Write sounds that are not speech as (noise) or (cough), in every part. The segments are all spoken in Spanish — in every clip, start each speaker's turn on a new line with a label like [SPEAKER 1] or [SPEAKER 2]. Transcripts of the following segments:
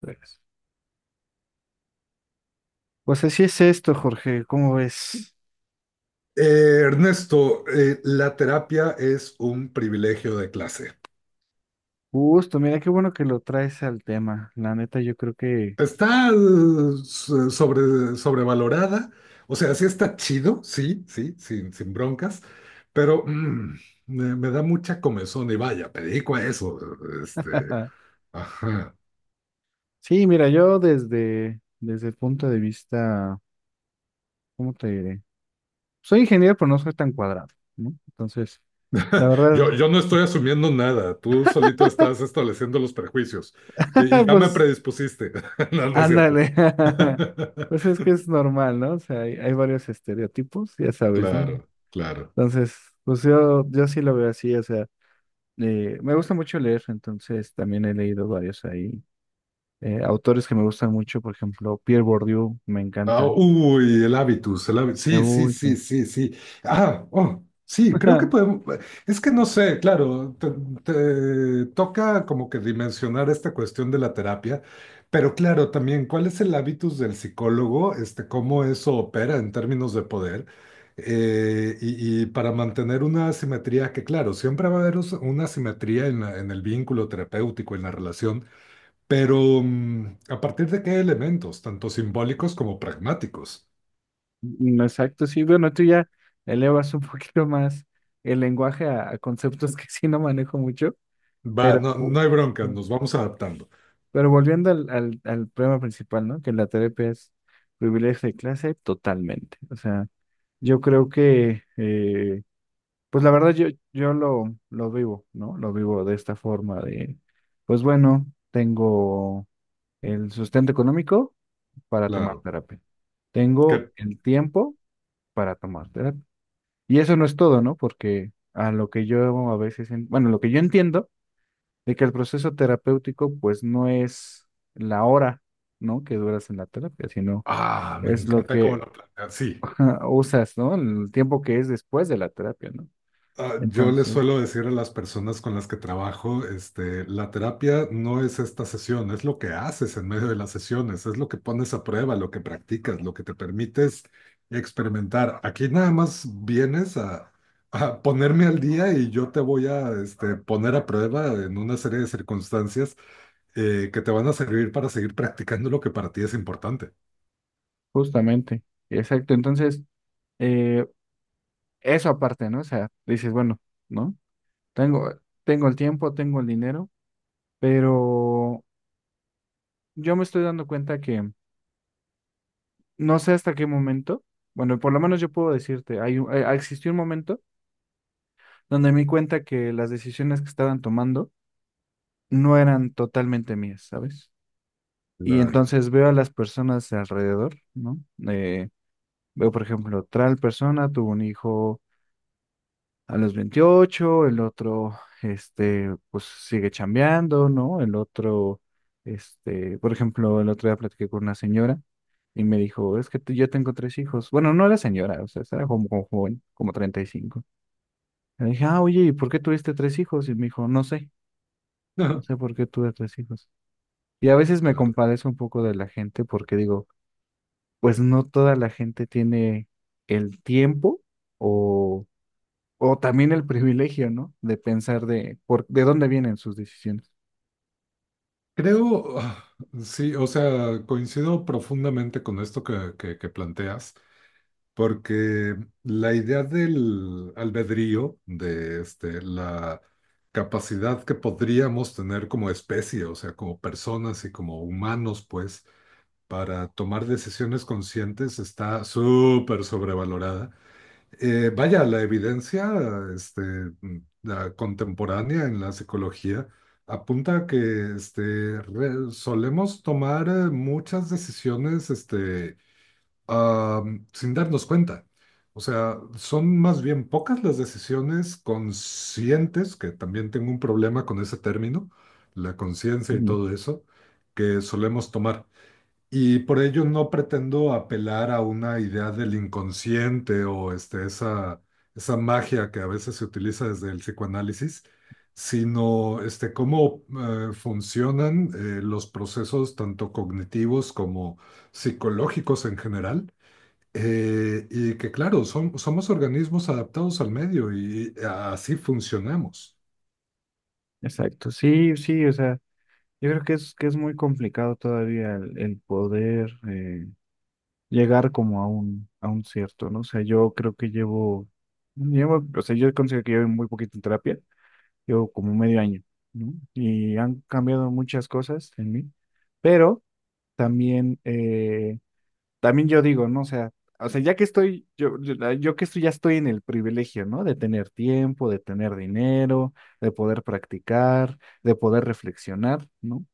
[SPEAKER 1] Pues pues así es esto, Jorge, ¿cómo ves?
[SPEAKER 2] Ernesto, la terapia es un privilegio de clase.
[SPEAKER 1] Justo, mira, qué bueno que lo traes al tema. La neta, yo creo que...
[SPEAKER 2] Está eh, Sobrevalorada, o sea, sí está chido, sí, sí, sin broncas, pero me da mucha comezón y vaya, me dedico a eso. Este,
[SPEAKER 1] (laughs)
[SPEAKER 2] ajá.
[SPEAKER 1] Sí, mira, yo desde el punto de vista, ¿cómo te diré? Soy ingeniero, pero no soy tan cuadrado, ¿no? Entonces, la
[SPEAKER 2] (laughs)
[SPEAKER 1] verdad,
[SPEAKER 2] Yo no estoy asumiendo nada, tú solito estás estableciendo los prejuicios y
[SPEAKER 1] (laughs)
[SPEAKER 2] ya me
[SPEAKER 1] pues,
[SPEAKER 2] predispusiste. (laughs) No, no es cierto.
[SPEAKER 1] ándale. (laughs)
[SPEAKER 2] (laughs)
[SPEAKER 1] Pues es que es normal, ¿no? O sea, hay varios estereotipos, ya sabes, ¿no?
[SPEAKER 2] Claro, claro.
[SPEAKER 1] Entonces, pues yo sí lo veo así, o sea, me gusta mucho leer, entonces también he leído varios ahí. Autores que me gustan mucho, por ejemplo, Pierre Bourdieu, me
[SPEAKER 2] Ah,
[SPEAKER 1] encanta.
[SPEAKER 2] uy, el hábitus, el hábitus. Sí, sí,
[SPEAKER 1] Uy, sí.
[SPEAKER 2] sí, sí, sí. Ah, oh, sí, creo que
[SPEAKER 1] (laughs)
[SPEAKER 2] podemos. Es que no sé, claro, te toca como que dimensionar esta cuestión de la terapia, pero claro, también, ¿cuál es el hábitus del psicólogo? ¿Cómo eso opera en términos de poder? Y para mantener una asimetría, que claro, siempre va a haber una asimetría en en el vínculo terapéutico, en la relación, pero, ¿a partir de qué elementos, tanto simbólicos como pragmáticos?
[SPEAKER 1] Exacto, sí. Bueno, tú ya elevas un (laughs) poquito más el lenguaje a conceptos que sí no manejo mucho,
[SPEAKER 2] Va,
[SPEAKER 1] pero,
[SPEAKER 2] no, no hay bronca, nos vamos adaptando.
[SPEAKER 1] pero volviendo al problema principal, ¿no? Que la terapia es privilegio de clase totalmente. O sea, yo creo que, pues la verdad yo, yo lo vivo, ¿no? Lo vivo de esta forma de, pues bueno, tengo el sustento económico para tomar
[SPEAKER 2] Claro.
[SPEAKER 1] terapia.
[SPEAKER 2] Que,
[SPEAKER 1] Tengo el tiempo para tomar terapia. Y eso no es todo, ¿no? Porque a lo que yo a veces, bueno, lo que yo entiendo de que el proceso terapéutico pues no es la hora, ¿no? Que duras en la terapia, sino
[SPEAKER 2] ah, me
[SPEAKER 1] es lo
[SPEAKER 2] encanta cómo
[SPEAKER 1] que
[SPEAKER 2] lo planteas. Sí.
[SPEAKER 1] (laughs) usas, ¿no? El tiempo que es después de la terapia, ¿no?
[SPEAKER 2] Ah, yo les
[SPEAKER 1] Entonces,
[SPEAKER 2] suelo decir a las personas con las que trabajo, la terapia no es esta sesión, es lo que haces en medio de las sesiones, es lo que pones a prueba, lo que practicas, lo que te permites experimentar. Aquí nada más vienes a ponerme al día y yo te voy a, poner a prueba en una serie de circunstancias que te van a servir para seguir practicando lo que para ti es importante.
[SPEAKER 1] justamente, exacto. Entonces, eh, eso aparte, ¿no? O sea, dices, bueno, ¿no? Tengo, tengo el tiempo, tengo el dinero, pero yo me estoy dando cuenta que no sé hasta qué momento, bueno, por lo menos yo puedo decirte, existió un momento donde me di cuenta que las decisiones que estaban tomando no eran totalmente mías, ¿sabes? Y
[SPEAKER 2] Claro,
[SPEAKER 1] entonces veo a las personas alrededor, ¿no? Eh, Veo, por ejemplo, tal persona tuvo un hijo a los 28. El otro, este, pues sigue chambeando, ¿no? El otro, este, por ejemplo, el otro día platiqué con una señora. Y me dijo, es que yo tengo tres hijos. Bueno, no era señora, o sea, era como, como joven, como 35. Le dije, ah, oye, ¿y por qué tuviste tres hijos? Y me dijo, no sé, no sé
[SPEAKER 2] (laughs)
[SPEAKER 1] por qué tuve tres hijos. Y a veces me
[SPEAKER 2] claro.
[SPEAKER 1] compadezco un poco de la gente porque digo, pues no toda la gente tiene el tiempo o, o también el privilegio, ¿no? De pensar de dónde vienen sus decisiones.
[SPEAKER 2] Creo, ah, sí, o sea, coincido profundamente con esto que, que planteas, porque la idea del albedrío, de la capacidad que podríamos tener como especie, o sea, como personas y como humanos, pues, para tomar decisiones conscientes está súper sobrevalorada. Vaya, la evidencia este, mm, la contemporánea en la psicología apunta a que solemos tomar muchas decisiones ah, sin darnos cuenta. O sea, son más bien pocas las decisiones conscientes, que también tengo un problema con ese término, la conciencia y
[SPEAKER 1] Ujú.
[SPEAKER 2] todo eso, que solemos tomar. Y por ello no pretendo apelar a una idea del inconsciente o esa magia que a veces se utiliza desde el psicoanálisis, sino cómo funcionan los procesos tanto cognitivos como psicológicos en general. Y que claro, somos organismos adaptados al medio y así funcionamos.
[SPEAKER 1] Exacto, sí, sí, o sea, yo creo que es muy complicado todavía el poder. Llegar como a un cierto, ¿no? O sea, yo creo que llevo, llevo, o sea, yo considero que llevo muy poquito en terapia, llevo como medio año, ¿no? Y han cambiado muchas cosas en mí, pero también, también yo digo, ¿no? O sea, ya que estoy, yo que estoy, ya estoy en el privilegio, ¿no? De tener tiempo, de tener dinero, de poder practicar, de poder reflexionar, ¿no?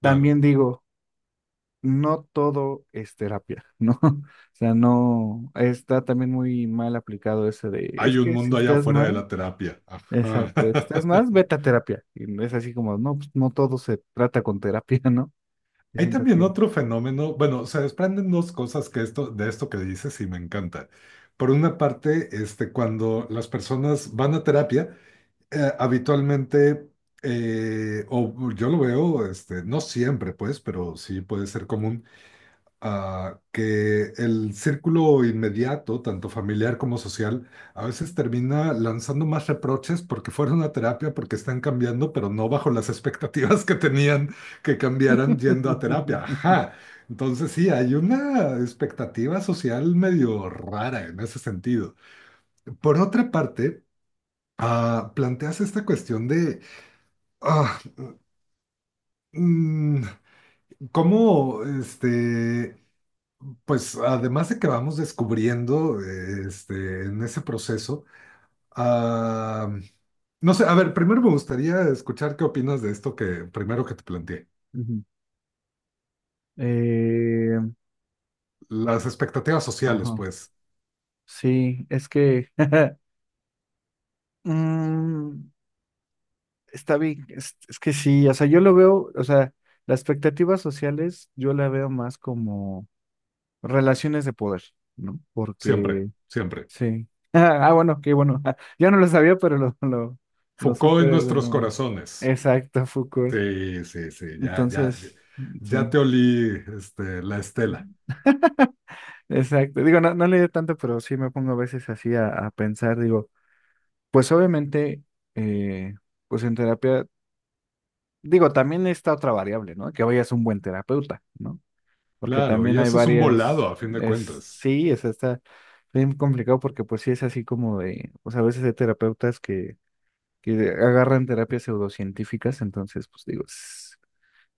[SPEAKER 2] Claro,
[SPEAKER 1] También digo, no todo es terapia, ¿no? (laughs) O sea, no, está también muy mal aplicado ese de, es
[SPEAKER 2] hay un
[SPEAKER 1] que si
[SPEAKER 2] mundo allá
[SPEAKER 1] estás
[SPEAKER 2] afuera de
[SPEAKER 1] mal,
[SPEAKER 2] la terapia. Ajá.
[SPEAKER 1] exacto, estás mal,
[SPEAKER 2] (laughs)
[SPEAKER 1] vete a terapia. Y no es así como, no, pues no todo se trata con terapia, (laughs) ¿no? Yo
[SPEAKER 2] Hay
[SPEAKER 1] siento
[SPEAKER 2] también
[SPEAKER 1] que...
[SPEAKER 2] otro fenómeno, bueno, se desprenden dos cosas que esto, de esto que dices y me encanta. Por una parte, cuando las personas van a terapia, habitualmente, o yo lo veo, no siempre, pues, pero sí puede ser común, que el círculo inmediato, tanto familiar como social, a veces termina lanzando más reproches porque fueron a terapia, porque están cambiando, pero no bajo las (laughs) expectativas que tenían que cambiaran yendo a terapia.
[SPEAKER 1] (laughs)
[SPEAKER 2] Ajá. Entonces sí, hay una expectativa social medio rara en ese sentido. Por otra parte, planteas esta cuestión de ah, mm, cómo este, pues además de que vamos descubriendo en ese proceso, ah, no sé, a ver, primero me gustaría escuchar qué opinas de esto que primero que te planteé.
[SPEAKER 1] Ujú. Eh,
[SPEAKER 2] Las expectativas sociales,
[SPEAKER 1] ajá,
[SPEAKER 2] pues,
[SPEAKER 1] sí, es que... (laughs) mm, está bien, es que sí, o sea, yo lo veo, o sea, las expectativas sociales yo la veo más como relaciones de poder, ¿no?
[SPEAKER 2] siempre,
[SPEAKER 1] Porque,
[SPEAKER 2] siempre.
[SPEAKER 1] sí. (laughs) Ah, bueno, qué bueno. (laughs) Yo no lo sabía, pero lo
[SPEAKER 2] Foucault
[SPEAKER 1] supe
[SPEAKER 2] en
[SPEAKER 1] de
[SPEAKER 2] nuestros
[SPEAKER 1] uno.
[SPEAKER 2] corazones.
[SPEAKER 1] Exacto, Foucault.
[SPEAKER 2] Sí, sí, sí, ya, ya, ya,
[SPEAKER 1] Entonces,
[SPEAKER 2] ya
[SPEAKER 1] sí.
[SPEAKER 2] te olí la estela.
[SPEAKER 1] (laughs) Exacto. Digo, no, no leí tanto, pero sí me pongo a veces así a pensar. Digo, pues obviamente, eh, pues en terapia, digo, también está otra variable, ¿no? Que vayas a un buen terapeuta, ¿no? Porque
[SPEAKER 2] Claro, y
[SPEAKER 1] también hay
[SPEAKER 2] eso es un volado
[SPEAKER 1] varias,
[SPEAKER 2] a fin de
[SPEAKER 1] es,
[SPEAKER 2] cuentas.
[SPEAKER 1] sí, es, está bien complicado porque pues sí es así como de, o sea, a veces hay terapeutas que agarran terapias pseudocientíficas, entonces pues digo,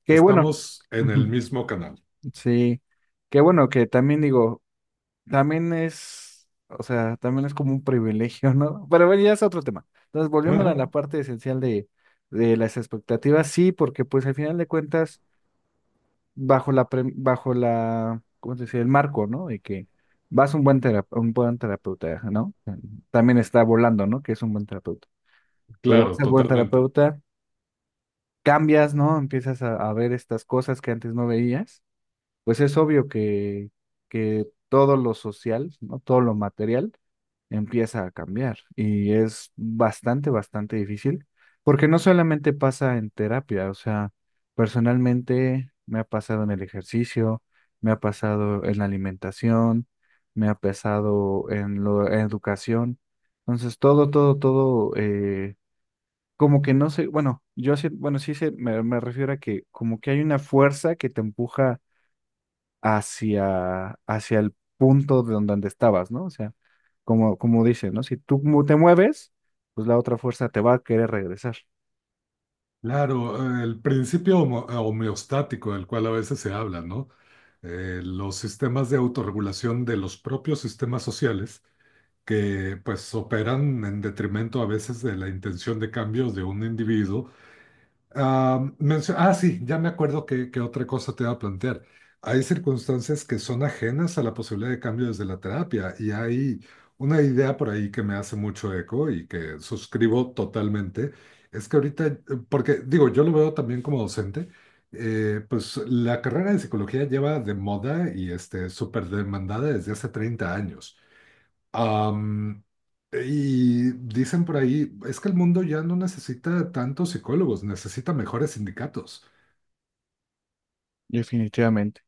[SPEAKER 1] que bueno,
[SPEAKER 2] Estamos en el
[SPEAKER 1] ujú,
[SPEAKER 2] mismo canal.
[SPEAKER 1] sí, que bueno, que también digo, también es, o sea, también es como un privilegio, ¿no? Pero bueno, ya es otro tema. Entonces volvemos a la
[SPEAKER 2] (laughs)
[SPEAKER 1] parte esencial de las expectativas, sí, porque pues al final de cuentas bajo la, ¿cómo se dice? El marco, ¿no? De que vas a un un buen terapeuta, ¿no? También está volando, ¿no? Que es un buen terapeuta. Pero
[SPEAKER 2] Claro,
[SPEAKER 1] vas a un buen
[SPEAKER 2] totalmente.
[SPEAKER 1] terapeuta, cambias, ¿no? Empiezas a ver estas cosas que antes no veías. Pues es obvio que todo lo social, ¿no? Todo lo material empieza a cambiar y es bastante difícil, porque no solamente pasa en terapia, o sea, personalmente me ha pasado en el ejercicio, me ha pasado en la alimentación, me ha pasado en en educación, entonces todo, como que no sé, bueno, yo sí, bueno, sí sé, me refiero a que como que hay una fuerza que te empuja hacia el punto de donde estabas, ¿no? O sea, como dice, ¿no? Si te mueves, pues la otra fuerza te va a querer regresar,
[SPEAKER 2] Claro, el principio homeostático del cual a veces se habla, ¿no? Los sistemas de autorregulación de los propios sistemas sociales que pues operan en detrimento a veces de la intención de cambios de un individuo. Ah, sí, ya me acuerdo que otra cosa te iba a plantear. Hay circunstancias que son ajenas a la posibilidad de cambio desde la terapia y hay una idea por ahí que me hace mucho eco y que suscribo totalmente. Es que ahorita, porque digo, yo lo veo también como docente, pues la carrera de psicología lleva de moda y súper demandada desde hace 30 años. Am, y dicen por ahí, es que el mundo ya no necesita tantos psicólogos, necesita mejores sindicatos.
[SPEAKER 1] definitivamente.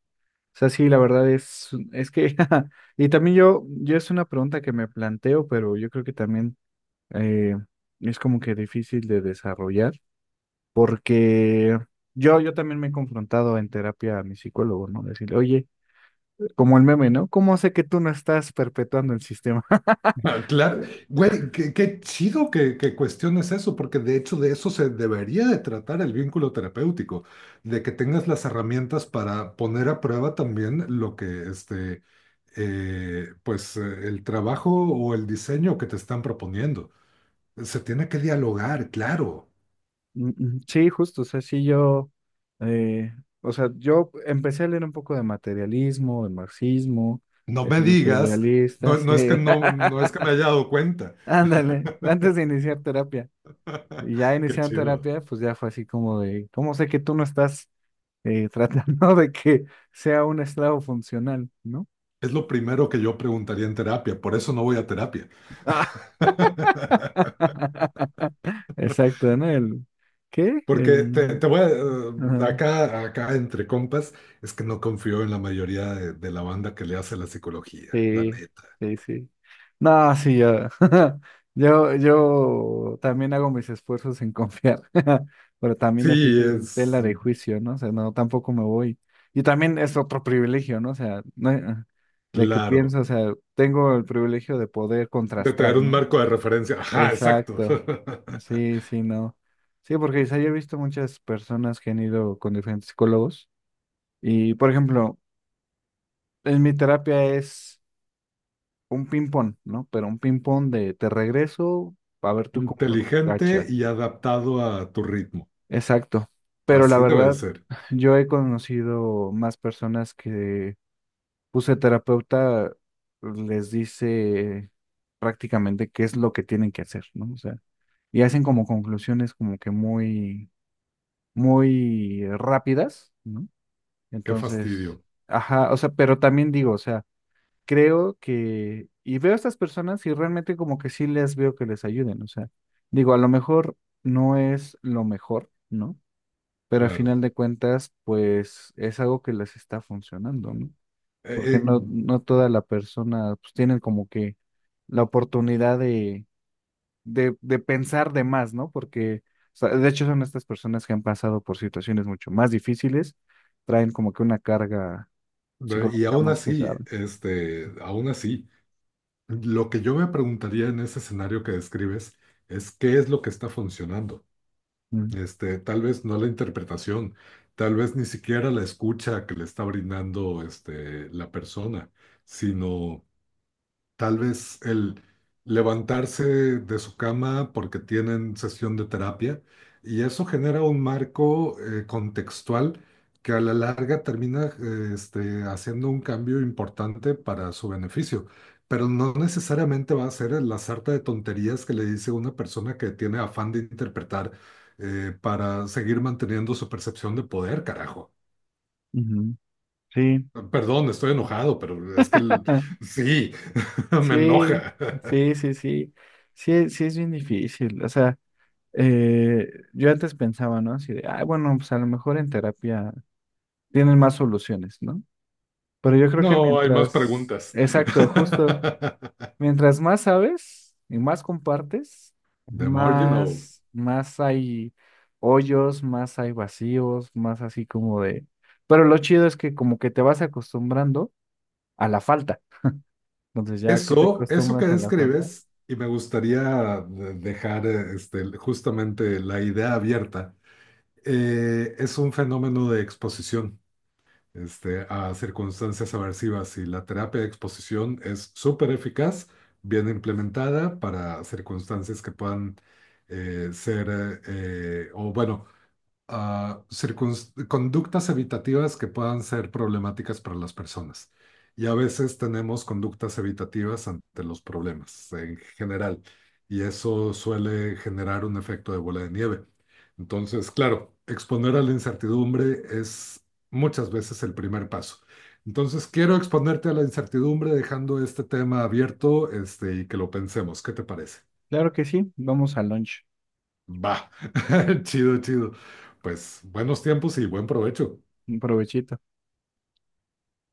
[SPEAKER 1] O sea, sí, la verdad es que, (laughs) y también yo es una pregunta que me planteo, pero yo creo que también eh, es como que difícil de desarrollar, porque yo también me he confrontado en terapia a mi psicólogo, ¿no? Decirle, oye, como el meme, ¿no? ¿Cómo sé que tú no estás perpetuando el sistema?
[SPEAKER 2] (laughs) Ah, claro,
[SPEAKER 1] (laughs)
[SPEAKER 2] güey, qué, qué chido que cuestiones eso, porque de hecho de eso se debería de tratar el vínculo terapéutico, de que tengas las herramientas para poner a prueba también lo que, pues el trabajo o el diseño que te están proponiendo. Se tiene que dialogar, claro.
[SPEAKER 1] Sí, justo, o sea, sí yo, eh, o sea, yo empecé a leer un poco de materialismo, de marxismo,
[SPEAKER 2] No
[SPEAKER 1] de
[SPEAKER 2] me
[SPEAKER 1] filosofía
[SPEAKER 2] digas,
[SPEAKER 1] idealista,
[SPEAKER 2] no,
[SPEAKER 1] sí,
[SPEAKER 2] no es que no, no es que me
[SPEAKER 1] (laughs)
[SPEAKER 2] haya dado cuenta.
[SPEAKER 1] ándale, antes de iniciar terapia. Y ya
[SPEAKER 2] (laughs) Qué
[SPEAKER 1] iniciando
[SPEAKER 2] chido.
[SPEAKER 1] terapia, pues ya fue así como de, ¿cómo sé que tú no estás (laughs) tratando de que sea un esclavo funcional, ¿no?
[SPEAKER 2] Es lo primero que yo preguntaría en terapia, por eso no voy a terapia. (laughs)
[SPEAKER 1] (laughs) Exacto, ¿no? El, ¿qué?
[SPEAKER 2] Porque
[SPEAKER 1] El,
[SPEAKER 2] te voy a,
[SPEAKER 1] ajá.
[SPEAKER 2] acá, acá entre compas, es que no confío en la mayoría de la banda que le hace la psicología, la
[SPEAKER 1] Sí,
[SPEAKER 2] neta.
[SPEAKER 1] sí, sí. No, sí, yo, (laughs) yo también hago mis esfuerzos en confiar, (laughs) pero
[SPEAKER 2] Sí,
[SPEAKER 1] también así que
[SPEAKER 2] es
[SPEAKER 1] tela de juicio, ¿no? O sea, no, tampoco me voy. Y también es otro privilegio, ¿no? O sea, de que
[SPEAKER 2] claro,
[SPEAKER 1] pienso, o sea, tengo el privilegio de poder
[SPEAKER 2] de
[SPEAKER 1] contrastar,
[SPEAKER 2] tener un
[SPEAKER 1] ¿no?
[SPEAKER 2] marco de referencia. Ajá, exacto.
[SPEAKER 1] Exacto.
[SPEAKER 2] (laughs)
[SPEAKER 1] Sí, sí, no. Sí, porque quizá yo he visto muchas personas que han ido con diferentes psicólogos y, por ejemplo, en mi terapia es un ping-pong, ¿no? Pero un ping-pong de te regreso a ver tú cómo lo
[SPEAKER 2] Inteligente
[SPEAKER 1] cachas.
[SPEAKER 2] y adaptado a tu ritmo.
[SPEAKER 1] Exacto. Pero la
[SPEAKER 2] Así debe de
[SPEAKER 1] verdad,
[SPEAKER 2] ser.
[SPEAKER 1] yo he conocido más personas que puse terapeuta les dice prácticamente qué es lo que tienen que hacer, ¿no? O sea, y hacen como conclusiones como que muy rápidas, ¿no?
[SPEAKER 2] Qué
[SPEAKER 1] Entonces,
[SPEAKER 2] fastidio,
[SPEAKER 1] ajá, o sea, pero también digo, o sea, creo que, y veo a estas personas y realmente como que sí les veo que les ayuden, o sea, digo, a lo mejor no es lo mejor, ¿no? Pero al
[SPEAKER 2] claro.
[SPEAKER 1] final de cuentas, pues es algo que les está funcionando, ¿no? Porque
[SPEAKER 2] Eh,
[SPEAKER 1] no, no toda la persona, pues tienen como que la oportunidad de, de pensar de más, ¿no? Porque, o sea, de hecho, son estas personas que han pasado por situaciones mucho más difíciles, traen como que una carga
[SPEAKER 2] y
[SPEAKER 1] psicológica
[SPEAKER 2] aún
[SPEAKER 1] más
[SPEAKER 2] así,
[SPEAKER 1] pesada.
[SPEAKER 2] aún así, lo que yo me preguntaría en ese escenario que describes es qué es lo que está funcionando.
[SPEAKER 1] Mm,
[SPEAKER 2] Tal vez no la interpretación, tal vez ni siquiera la escucha que le está brindando, la persona, sino tal vez el levantarse de su cama porque tienen sesión de terapia y eso genera un marco contextual que a la larga termina haciendo un cambio importante para su beneficio. Pero no necesariamente va a ser la sarta de tonterías que le dice una persona que tiene afán de interpretar para seguir manteniendo su percepción de poder, carajo.
[SPEAKER 1] ujú, Sí.
[SPEAKER 2] Perdón, estoy enojado, pero es que
[SPEAKER 1] (laughs)
[SPEAKER 2] sí, (laughs) me
[SPEAKER 1] Sí,
[SPEAKER 2] enoja.
[SPEAKER 1] sí, sí, sí. Sí, sí es bien difícil. O sea, eh, yo antes pensaba, ¿no? Así de, ah, bueno, pues a lo mejor en terapia tienen más soluciones, ¿no? Pero yo creo que
[SPEAKER 2] No, hay más
[SPEAKER 1] mientras,
[SPEAKER 2] preguntas.
[SPEAKER 1] exacto, justo,
[SPEAKER 2] (laughs)
[SPEAKER 1] mientras más sabes y más compartes,
[SPEAKER 2] The more you know.
[SPEAKER 1] más hay hoyos, más hay vacíos, más así como de... Pero lo chido es que como que te vas acostumbrando a la falta. Entonces ya que te
[SPEAKER 2] Eso que
[SPEAKER 1] acostumbras a la falta.
[SPEAKER 2] describes, y me gustaría dejar justamente la idea abierta, es un fenómeno de exposición a circunstancias aversivas y la terapia de exposición es súper eficaz, bien implementada para circunstancias que puedan o bueno, a conductas evitativas que puedan ser problemáticas para las personas. Y a veces tenemos conductas evitativas ante los problemas en general, y eso suele generar un efecto de bola de nieve. Entonces, claro, exponer a la incertidumbre es muchas veces el primer paso. Entonces, quiero exponerte a la incertidumbre dejando este tema abierto, y que lo pensemos. ¿Qué te parece?
[SPEAKER 1] Claro que sí, vamos al lunch.
[SPEAKER 2] Va, (laughs) chido, chido. Pues buenos tiempos y buen provecho.
[SPEAKER 1] Un provechito.